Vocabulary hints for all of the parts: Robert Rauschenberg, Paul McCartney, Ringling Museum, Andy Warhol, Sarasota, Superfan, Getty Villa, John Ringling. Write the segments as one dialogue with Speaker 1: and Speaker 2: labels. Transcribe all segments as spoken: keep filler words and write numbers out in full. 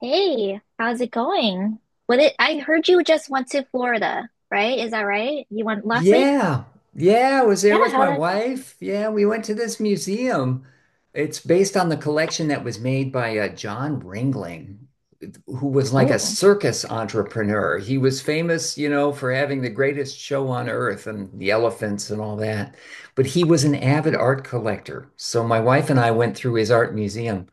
Speaker 1: Hey, how's it going? What it, I heard you just went to Florida, right? Is that right? You went last week?
Speaker 2: Yeah. Yeah, I was
Speaker 1: Yeah,
Speaker 2: there with
Speaker 1: how'd
Speaker 2: my
Speaker 1: that go?
Speaker 2: wife. Yeah, we went to this museum. It's based on the collection that was made by uh, John Ringling, who was like a
Speaker 1: Oh.
Speaker 2: circus entrepreneur. He was famous, you know, for having the greatest show on earth and the elephants and all that. But he was an avid
Speaker 1: Well.
Speaker 2: art collector. So my wife and I went through his art museum.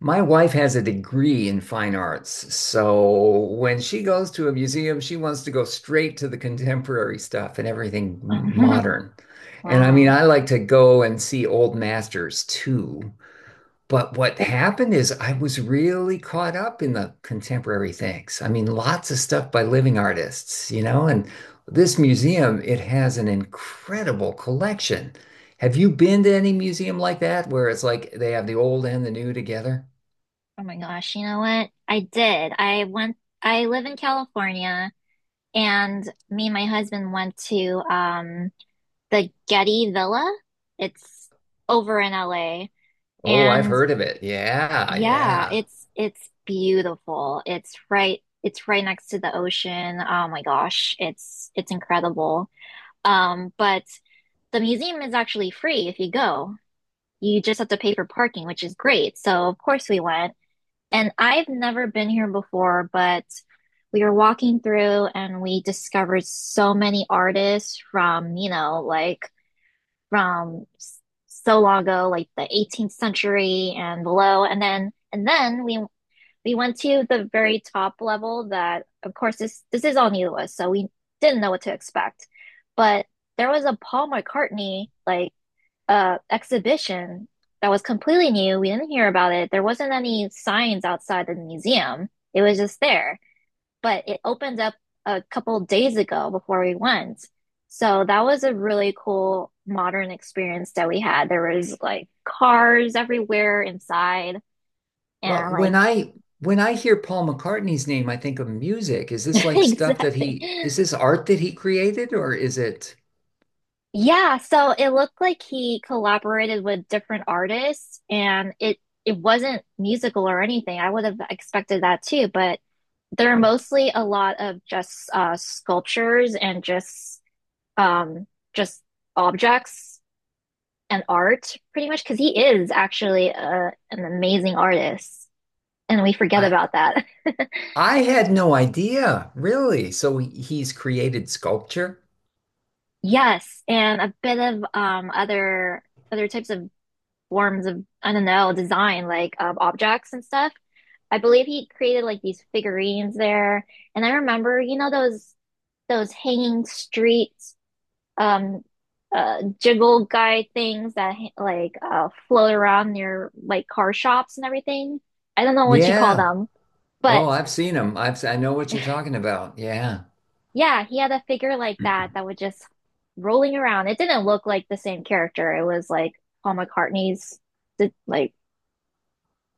Speaker 2: My wife has a degree in fine arts, so when she goes to a museum, she wants to go straight to the contemporary stuff and everything modern. And I mean,
Speaker 1: Wow.
Speaker 2: I like to go and see old masters too. But what happened is I was really caught up in the contemporary things. I mean, lots of stuff by living artists, you know, and this museum, it has an incredible collection. Have you been to any museum like that where it's like they have the old and the new together?
Speaker 1: Oh my gosh, you know what? I did. I went, I live in California, and me and my husband went to um the Getty Villa. It's over in L A.
Speaker 2: Oh, I've
Speaker 1: And
Speaker 2: heard of it. Yeah,
Speaker 1: yeah,
Speaker 2: yeah.
Speaker 1: it's it's beautiful. It's right it's right next to the ocean. Oh my gosh, it's it's incredible. Um, but the museum is actually free if you go. You just have to pay for parking, which is great. So of course we went. And I've never been here before, but we were walking through and we discovered so many artists from, you know, like from s- so long ago, like the eighteenth century and below. And then and then we we went to the very top level that of course this this is all new to us, so we didn't know what to expect. But there was a Paul McCartney like uh exhibition that was completely new. We didn't hear about it. There wasn't any signs outside the museum. It was just there. But it opened up a couple of days ago before we went. So that was a really cool modern experience that we had. There was like cars everywhere inside
Speaker 2: Well,
Speaker 1: and like
Speaker 2: when I when I hear Paul McCartney's name, I think of music. Is this like stuff that
Speaker 1: exactly.
Speaker 2: he is this art that he created or is it
Speaker 1: Yeah, so it looked like he collaborated with different artists and it it wasn't musical or anything. I would have expected that too, but they're mostly a lot of just uh sculptures and just um just objects and art, pretty much, because he is actually uh an amazing artist and we forget
Speaker 2: I
Speaker 1: about that.
Speaker 2: I had no idea, really. So he- he's created sculpture?
Speaker 1: Yes, and a bit of um other other types of forms of, I don't know, design, like um, objects and stuff. I believe he created like these figurines there. And I remember, you know, those those hanging streets, um, uh, jiggle guy things that like uh float around near like car shops and everything. I don't know what you call
Speaker 2: Yeah.
Speaker 1: them, but
Speaker 2: Oh, I've seen him. I've s- I have I know what you're talking about. Yeah.
Speaker 1: yeah, he had a figure like that that would just rolling around. It didn't look like the same character. It was like Paul McCartney's, the- like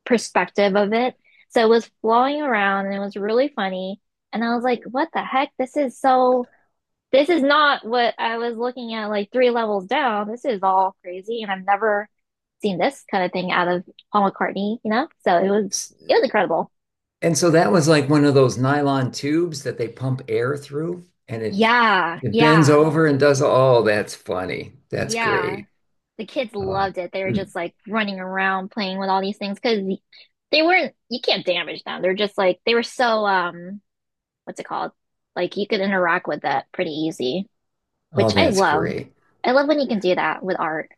Speaker 1: perspective of it. So it was flowing around and it was really funny. And I was like, what the heck? This is so, this is not what I was looking at like three levels down. This is all crazy. And I've never seen this kind of thing out of Paul McCartney, you know? So it was,
Speaker 2: S-
Speaker 1: it was incredible.
Speaker 2: And so that was like one of those nylon tubes that they pump air through and it
Speaker 1: Yeah,
Speaker 2: it bends
Speaker 1: yeah,
Speaker 2: over and does, oh, that's funny. That's
Speaker 1: yeah.
Speaker 2: great.
Speaker 1: The kids
Speaker 2: Oh,
Speaker 1: loved it. They were
Speaker 2: mm.
Speaker 1: just like running around playing with all these things because they weren't, you can't damage them. They're just like, they were so, um, what's it called? Like you could interact with it pretty easy,
Speaker 2: Oh,
Speaker 1: which I
Speaker 2: that's
Speaker 1: love.
Speaker 2: great.
Speaker 1: I love when you can do that with art.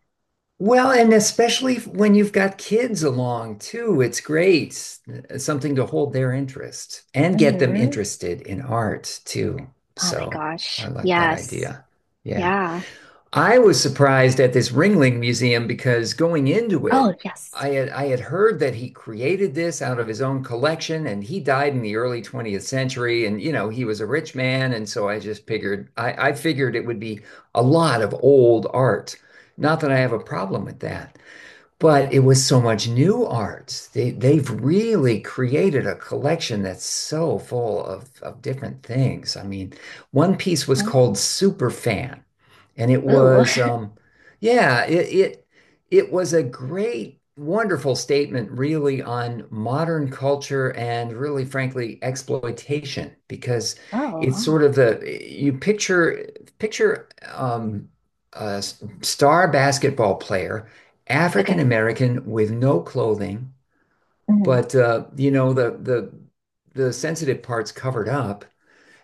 Speaker 2: Well, and especially if- when you've got kids along too, it's great. Uh, Something to hold their interest and get them
Speaker 1: Hmm.
Speaker 2: interested in art too.
Speaker 1: Oh my
Speaker 2: So
Speaker 1: gosh,
Speaker 2: I like that
Speaker 1: yes.
Speaker 2: idea. Yeah.
Speaker 1: Yeah.
Speaker 2: I was surprised at this Ringling Museum because going into
Speaker 1: Oh,
Speaker 2: it,
Speaker 1: yes.
Speaker 2: I had I had heard that he created this out of his own collection and he died in the early twentieth century, and you know he was a rich man, and so I just figured I, I figured it would be a lot of old art. Not that I have a problem with that, but it was so much new art. They they've really created a collection that's so full of of different things. I mean, one piece was
Speaker 1: Oh.
Speaker 2: called Superfan, and it
Speaker 1: Ooh.
Speaker 2: was, um, yeah, it, it it was a great, wonderful statement, really, on modern culture and really, frankly, exploitation, because
Speaker 1: Oh,
Speaker 2: it's
Speaker 1: wow.
Speaker 2: sort of the you picture picture um, a s- star basketball player, African
Speaker 1: Okay.
Speaker 2: American with no clothing,
Speaker 1: Hmm.
Speaker 2: but uh, you know the the the sensitive parts covered up,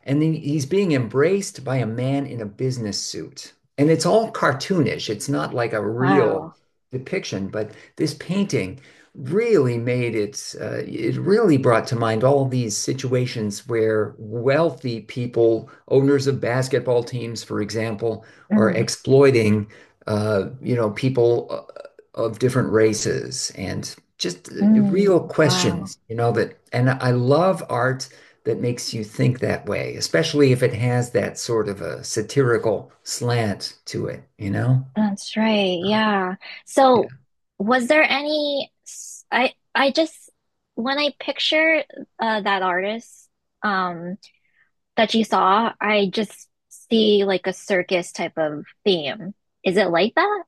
Speaker 2: and then he's being embraced by a man in a business suit. And it's all cartoonish. It's not like a real
Speaker 1: Wow.
Speaker 2: depiction, but this painting really made it, uh, it really brought to mind all these situations where wealthy people, owners of basketball teams, for example, are
Speaker 1: Hmm.
Speaker 2: exploiting, uh, you know, people uh, of different races, and just uh, real
Speaker 1: Mm, wow.
Speaker 2: questions, you know, that, and I love art that makes you think that way, especially if it has that sort of a satirical slant to it, you know?
Speaker 1: That's right. Yeah. So was there any s- I I just when I picture uh, that artist, um that you saw, I just see like a circus type of theme. Is it like that?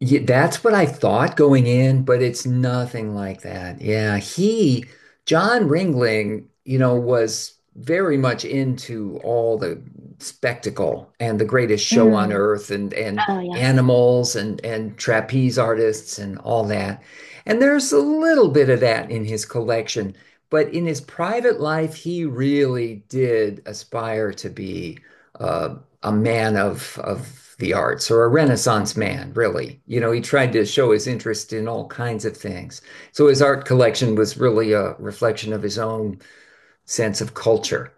Speaker 2: Yeah, that's what I thought going in, but it's nothing like that. Yeah, he, John Ringling, you know, was very much into all the spectacle and the greatest show on
Speaker 1: Mm.
Speaker 2: earth and and
Speaker 1: Oh, yes.
Speaker 2: animals and and trapeze artists and all that. And there's a little bit of that in his collection, but in his private life, he really did aspire to be uh, a man of of the arts, or a Renaissance man, really. You know, he tried to show his interest in all kinds of things. So his art collection was really a reflection of his own sense of culture.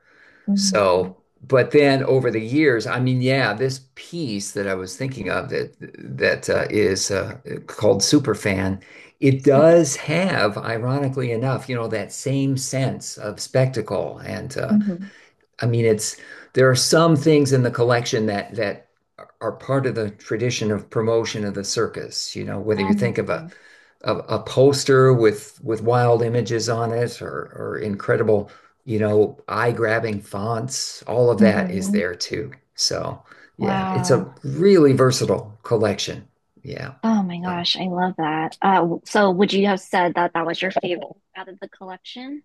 Speaker 1: Mm.
Speaker 2: So, but then over the years, I mean, yeah, this piece that I was thinking of that that uh, is uh, called Superfan, it
Speaker 1: Super.
Speaker 2: does have, ironically enough, you know, that same sense of spectacle and uh,
Speaker 1: Hmm.
Speaker 2: I mean, it's there are some things in the collection that that are part of the tradition of promotion of the circus. You know, whether you think of a
Speaker 1: Mm.
Speaker 2: of a poster with with wild images on it, or or incredible, you know, eye-grabbing fonts, all of that is
Speaker 1: Hmm.
Speaker 2: there too. So, yeah, it's
Speaker 1: Wow.
Speaker 2: a really versatile collection. Yeah.
Speaker 1: Oh my
Speaker 2: So.
Speaker 1: gosh, I love that. Uh, w- so would you have said that that was your favorite out of the collection?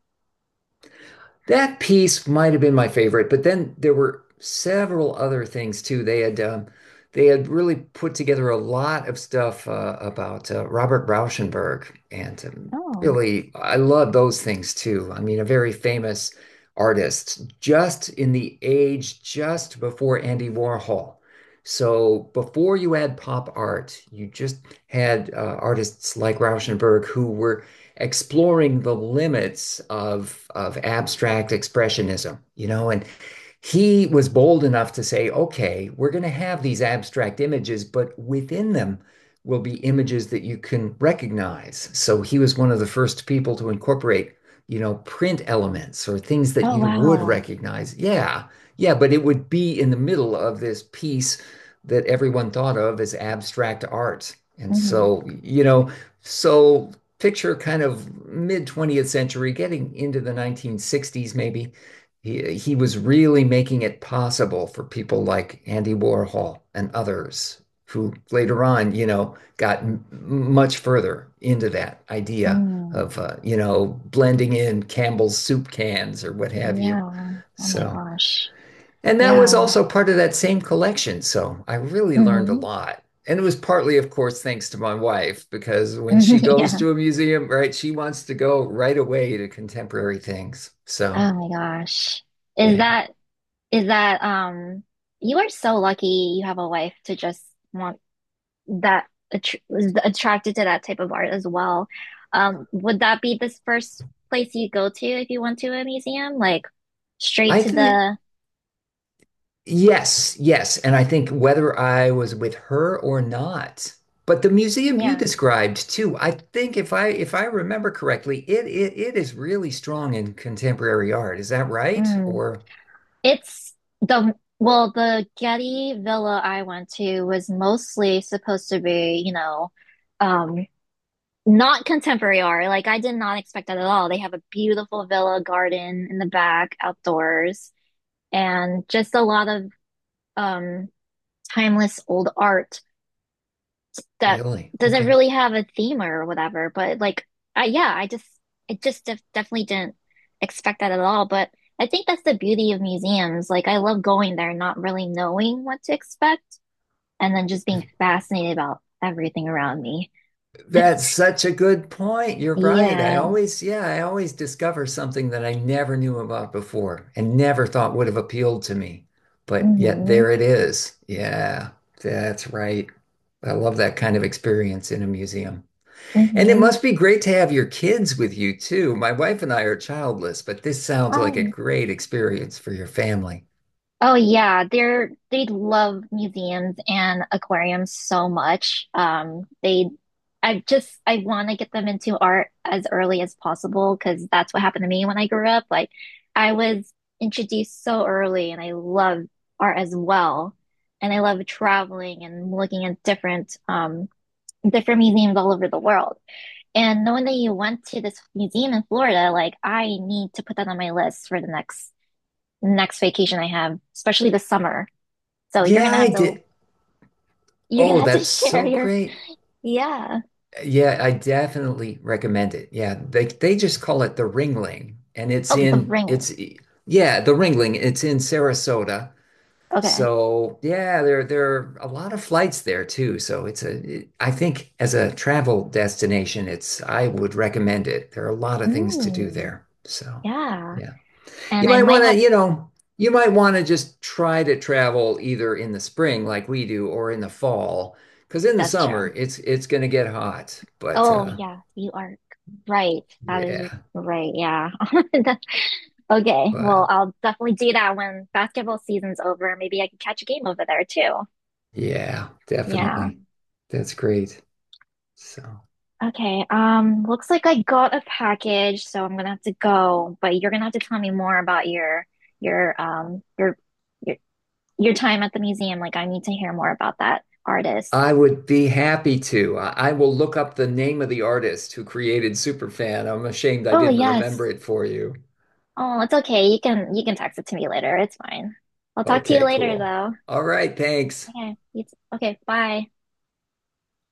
Speaker 2: That piece might have been my favorite, but then there were several other things too. They had um, they had really put together a lot of stuff uh, about uh, Robert Rauschenberg, and um,
Speaker 1: Oh.
Speaker 2: really, I love those things too. I mean, a very famous artist, just in the age just before Andy Warhol. So before you had pop art, you just had uh, artists like Rauschenberg who were exploring the limits of of abstract expressionism, you know, and he was bold enough to say, okay, we're going to have these abstract images, but within them will be images that you can recognize. So he was one of the first people to incorporate, you know, print elements or things that
Speaker 1: Oh,
Speaker 2: you would
Speaker 1: wow.
Speaker 2: recognize. Yeah, yeah, but it would be in the middle of this piece that everyone thought of as abstract art. And
Speaker 1: Mm-hmm.
Speaker 2: so, you know, so picture kind of mid twentieth century, getting into the nineteen sixties maybe, he he was really making it possible for people like Andy Warhol and others who later on, you know, got m much further into that idea
Speaker 1: Mm,
Speaker 2: of uh, you know, blending in Campbell's soup cans or what have you.
Speaker 1: yeah. Oh my
Speaker 2: So,
Speaker 1: gosh.
Speaker 2: and that was
Speaker 1: Yeah.
Speaker 2: also part of that same collection. So I really learned a
Speaker 1: Hmm.
Speaker 2: lot. And it was partly, of course, thanks to my wife, because when she goes
Speaker 1: Yeah.
Speaker 2: to a museum, right, she wants to go right away to contemporary things. So,
Speaker 1: Oh my gosh. Is
Speaker 2: yeah,
Speaker 1: that is that um you are so lucky you have a wife to just want that attr is attracted to that type of art as well. Um, would that be this first place you go to if you went to a museum? Like straight
Speaker 2: I
Speaker 1: to
Speaker 2: think.
Speaker 1: the
Speaker 2: Yes, yes. And I think whether I was with her or not, but the museum you
Speaker 1: yeah.
Speaker 2: described too, I think if I if I remember correctly, it it, it is really strong in contemporary art. Is that right? Or
Speaker 1: It's the, well, the Getty Villa I went to was mostly supposed to be, you know, um, not contemporary art. Like I did not expect that at all. They have a beautiful villa garden in the back, outdoors, and just a lot of um timeless old art that
Speaker 2: really?
Speaker 1: doesn't
Speaker 2: Okay.
Speaker 1: really have a theme or whatever. But like, I, yeah, I just I just def definitely didn't expect that at all. But I think that's the beauty of museums. Like, I love going there, not really knowing what to expect, and then just being fascinated about everything around me.
Speaker 2: That's such a good point. You're right. I
Speaker 1: Yeah.
Speaker 2: always, yeah, I always discover something that I never knew about before and never thought would have appealed to me. But yet
Speaker 1: Mm-hmm.
Speaker 2: there it is. Yeah, that's right. I love that kind of experience in a museum. And it
Speaker 1: Mm-hmm.
Speaker 2: must be great to have your kids with you too. My wife and I are childless, but this sounds like a
Speaker 1: Oh.
Speaker 2: great experience for your family.
Speaker 1: Oh yeah, they're they love museums and aquariums so much. Um, they, I just I want to get them into art as early as possible because that's what happened to me when I grew up. Like, I was introduced so early, and I love art as well, and I love traveling and looking at different um different museums all over the world. And knowing that you went to this museum in Florida, like I need to put that on my list for the next next vacation I have, especially the summer. So you're
Speaker 2: Yeah,
Speaker 1: gonna
Speaker 2: I
Speaker 1: have to
Speaker 2: did.
Speaker 1: you're gonna
Speaker 2: Oh,
Speaker 1: have to
Speaker 2: that's
Speaker 1: share
Speaker 2: so
Speaker 1: your
Speaker 2: great.
Speaker 1: yeah.
Speaker 2: Yeah, I definitely recommend it. Yeah, they they just call it the Ringling, and it's
Speaker 1: Oh, the
Speaker 2: in
Speaker 1: ring.
Speaker 2: it's yeah, the Ringling. It's in Sarasota.
Speaker 1: Okay.
Speaker 2: So yeah, there there are a lot of flights there too. So it's a it- I think as a travel destination, it's I would recommend it. There are a lot of things to do
Speaker 1: Mm,
Speaker 2: there. So
Speaker 1: yeah.
Speaker 2: yeah. You
Speaker 1: And I
Speaker 2: might want
Speaker 1: might
Speaker 2: to,
Speaker 1: have
Speaker 2: you know, you might want to just try to travel either in the spring like we do or in the fall, because in the
Speaker 1: that's
Speaker 2: summer
Speaker 1: true.
Speaker 2: it's it's going to get hot. But
Speaker 1: Oh
Speaker 2: uh
Speaker 1: yeah, you are right. That is
Speaker 2: yeah,
Speaker 1: right. Yeah. That. Okay.
Speaker 2: but
Speaker 1: Well, I'll definitely do that when basketball season's over. Maybe I can catch a game over there too.
Speaker 2: yeah,
Speaker 1: Yeah.
Speaker 2: definitely. That's great. So
Speaker 1: Okay. Um, looks like I got a package, so I'm gonna have to go, but you're gonna have to tell me more about your your um your your time at the museum. Like, I need to hear more about that artist.
Speaker 2: I would be happy to. I, I will look up the name of the artist who created Superfan. I'm ashamed I
Speaker 1: Oh,
Speaker 2: didn't remember
Speaker 1: yes.
Speaker 2: it for you.
Speaker 1: Oh, it's okay. You can you can text it to me later. It's fine. I'll talk to you
Speaker 2: Okay,
Speaker 1: later
Speaker 2: cool.
Speaker 1: though.
Speaker 2: All right, thanks.
Speaker 1: Okay. You Okay, bye.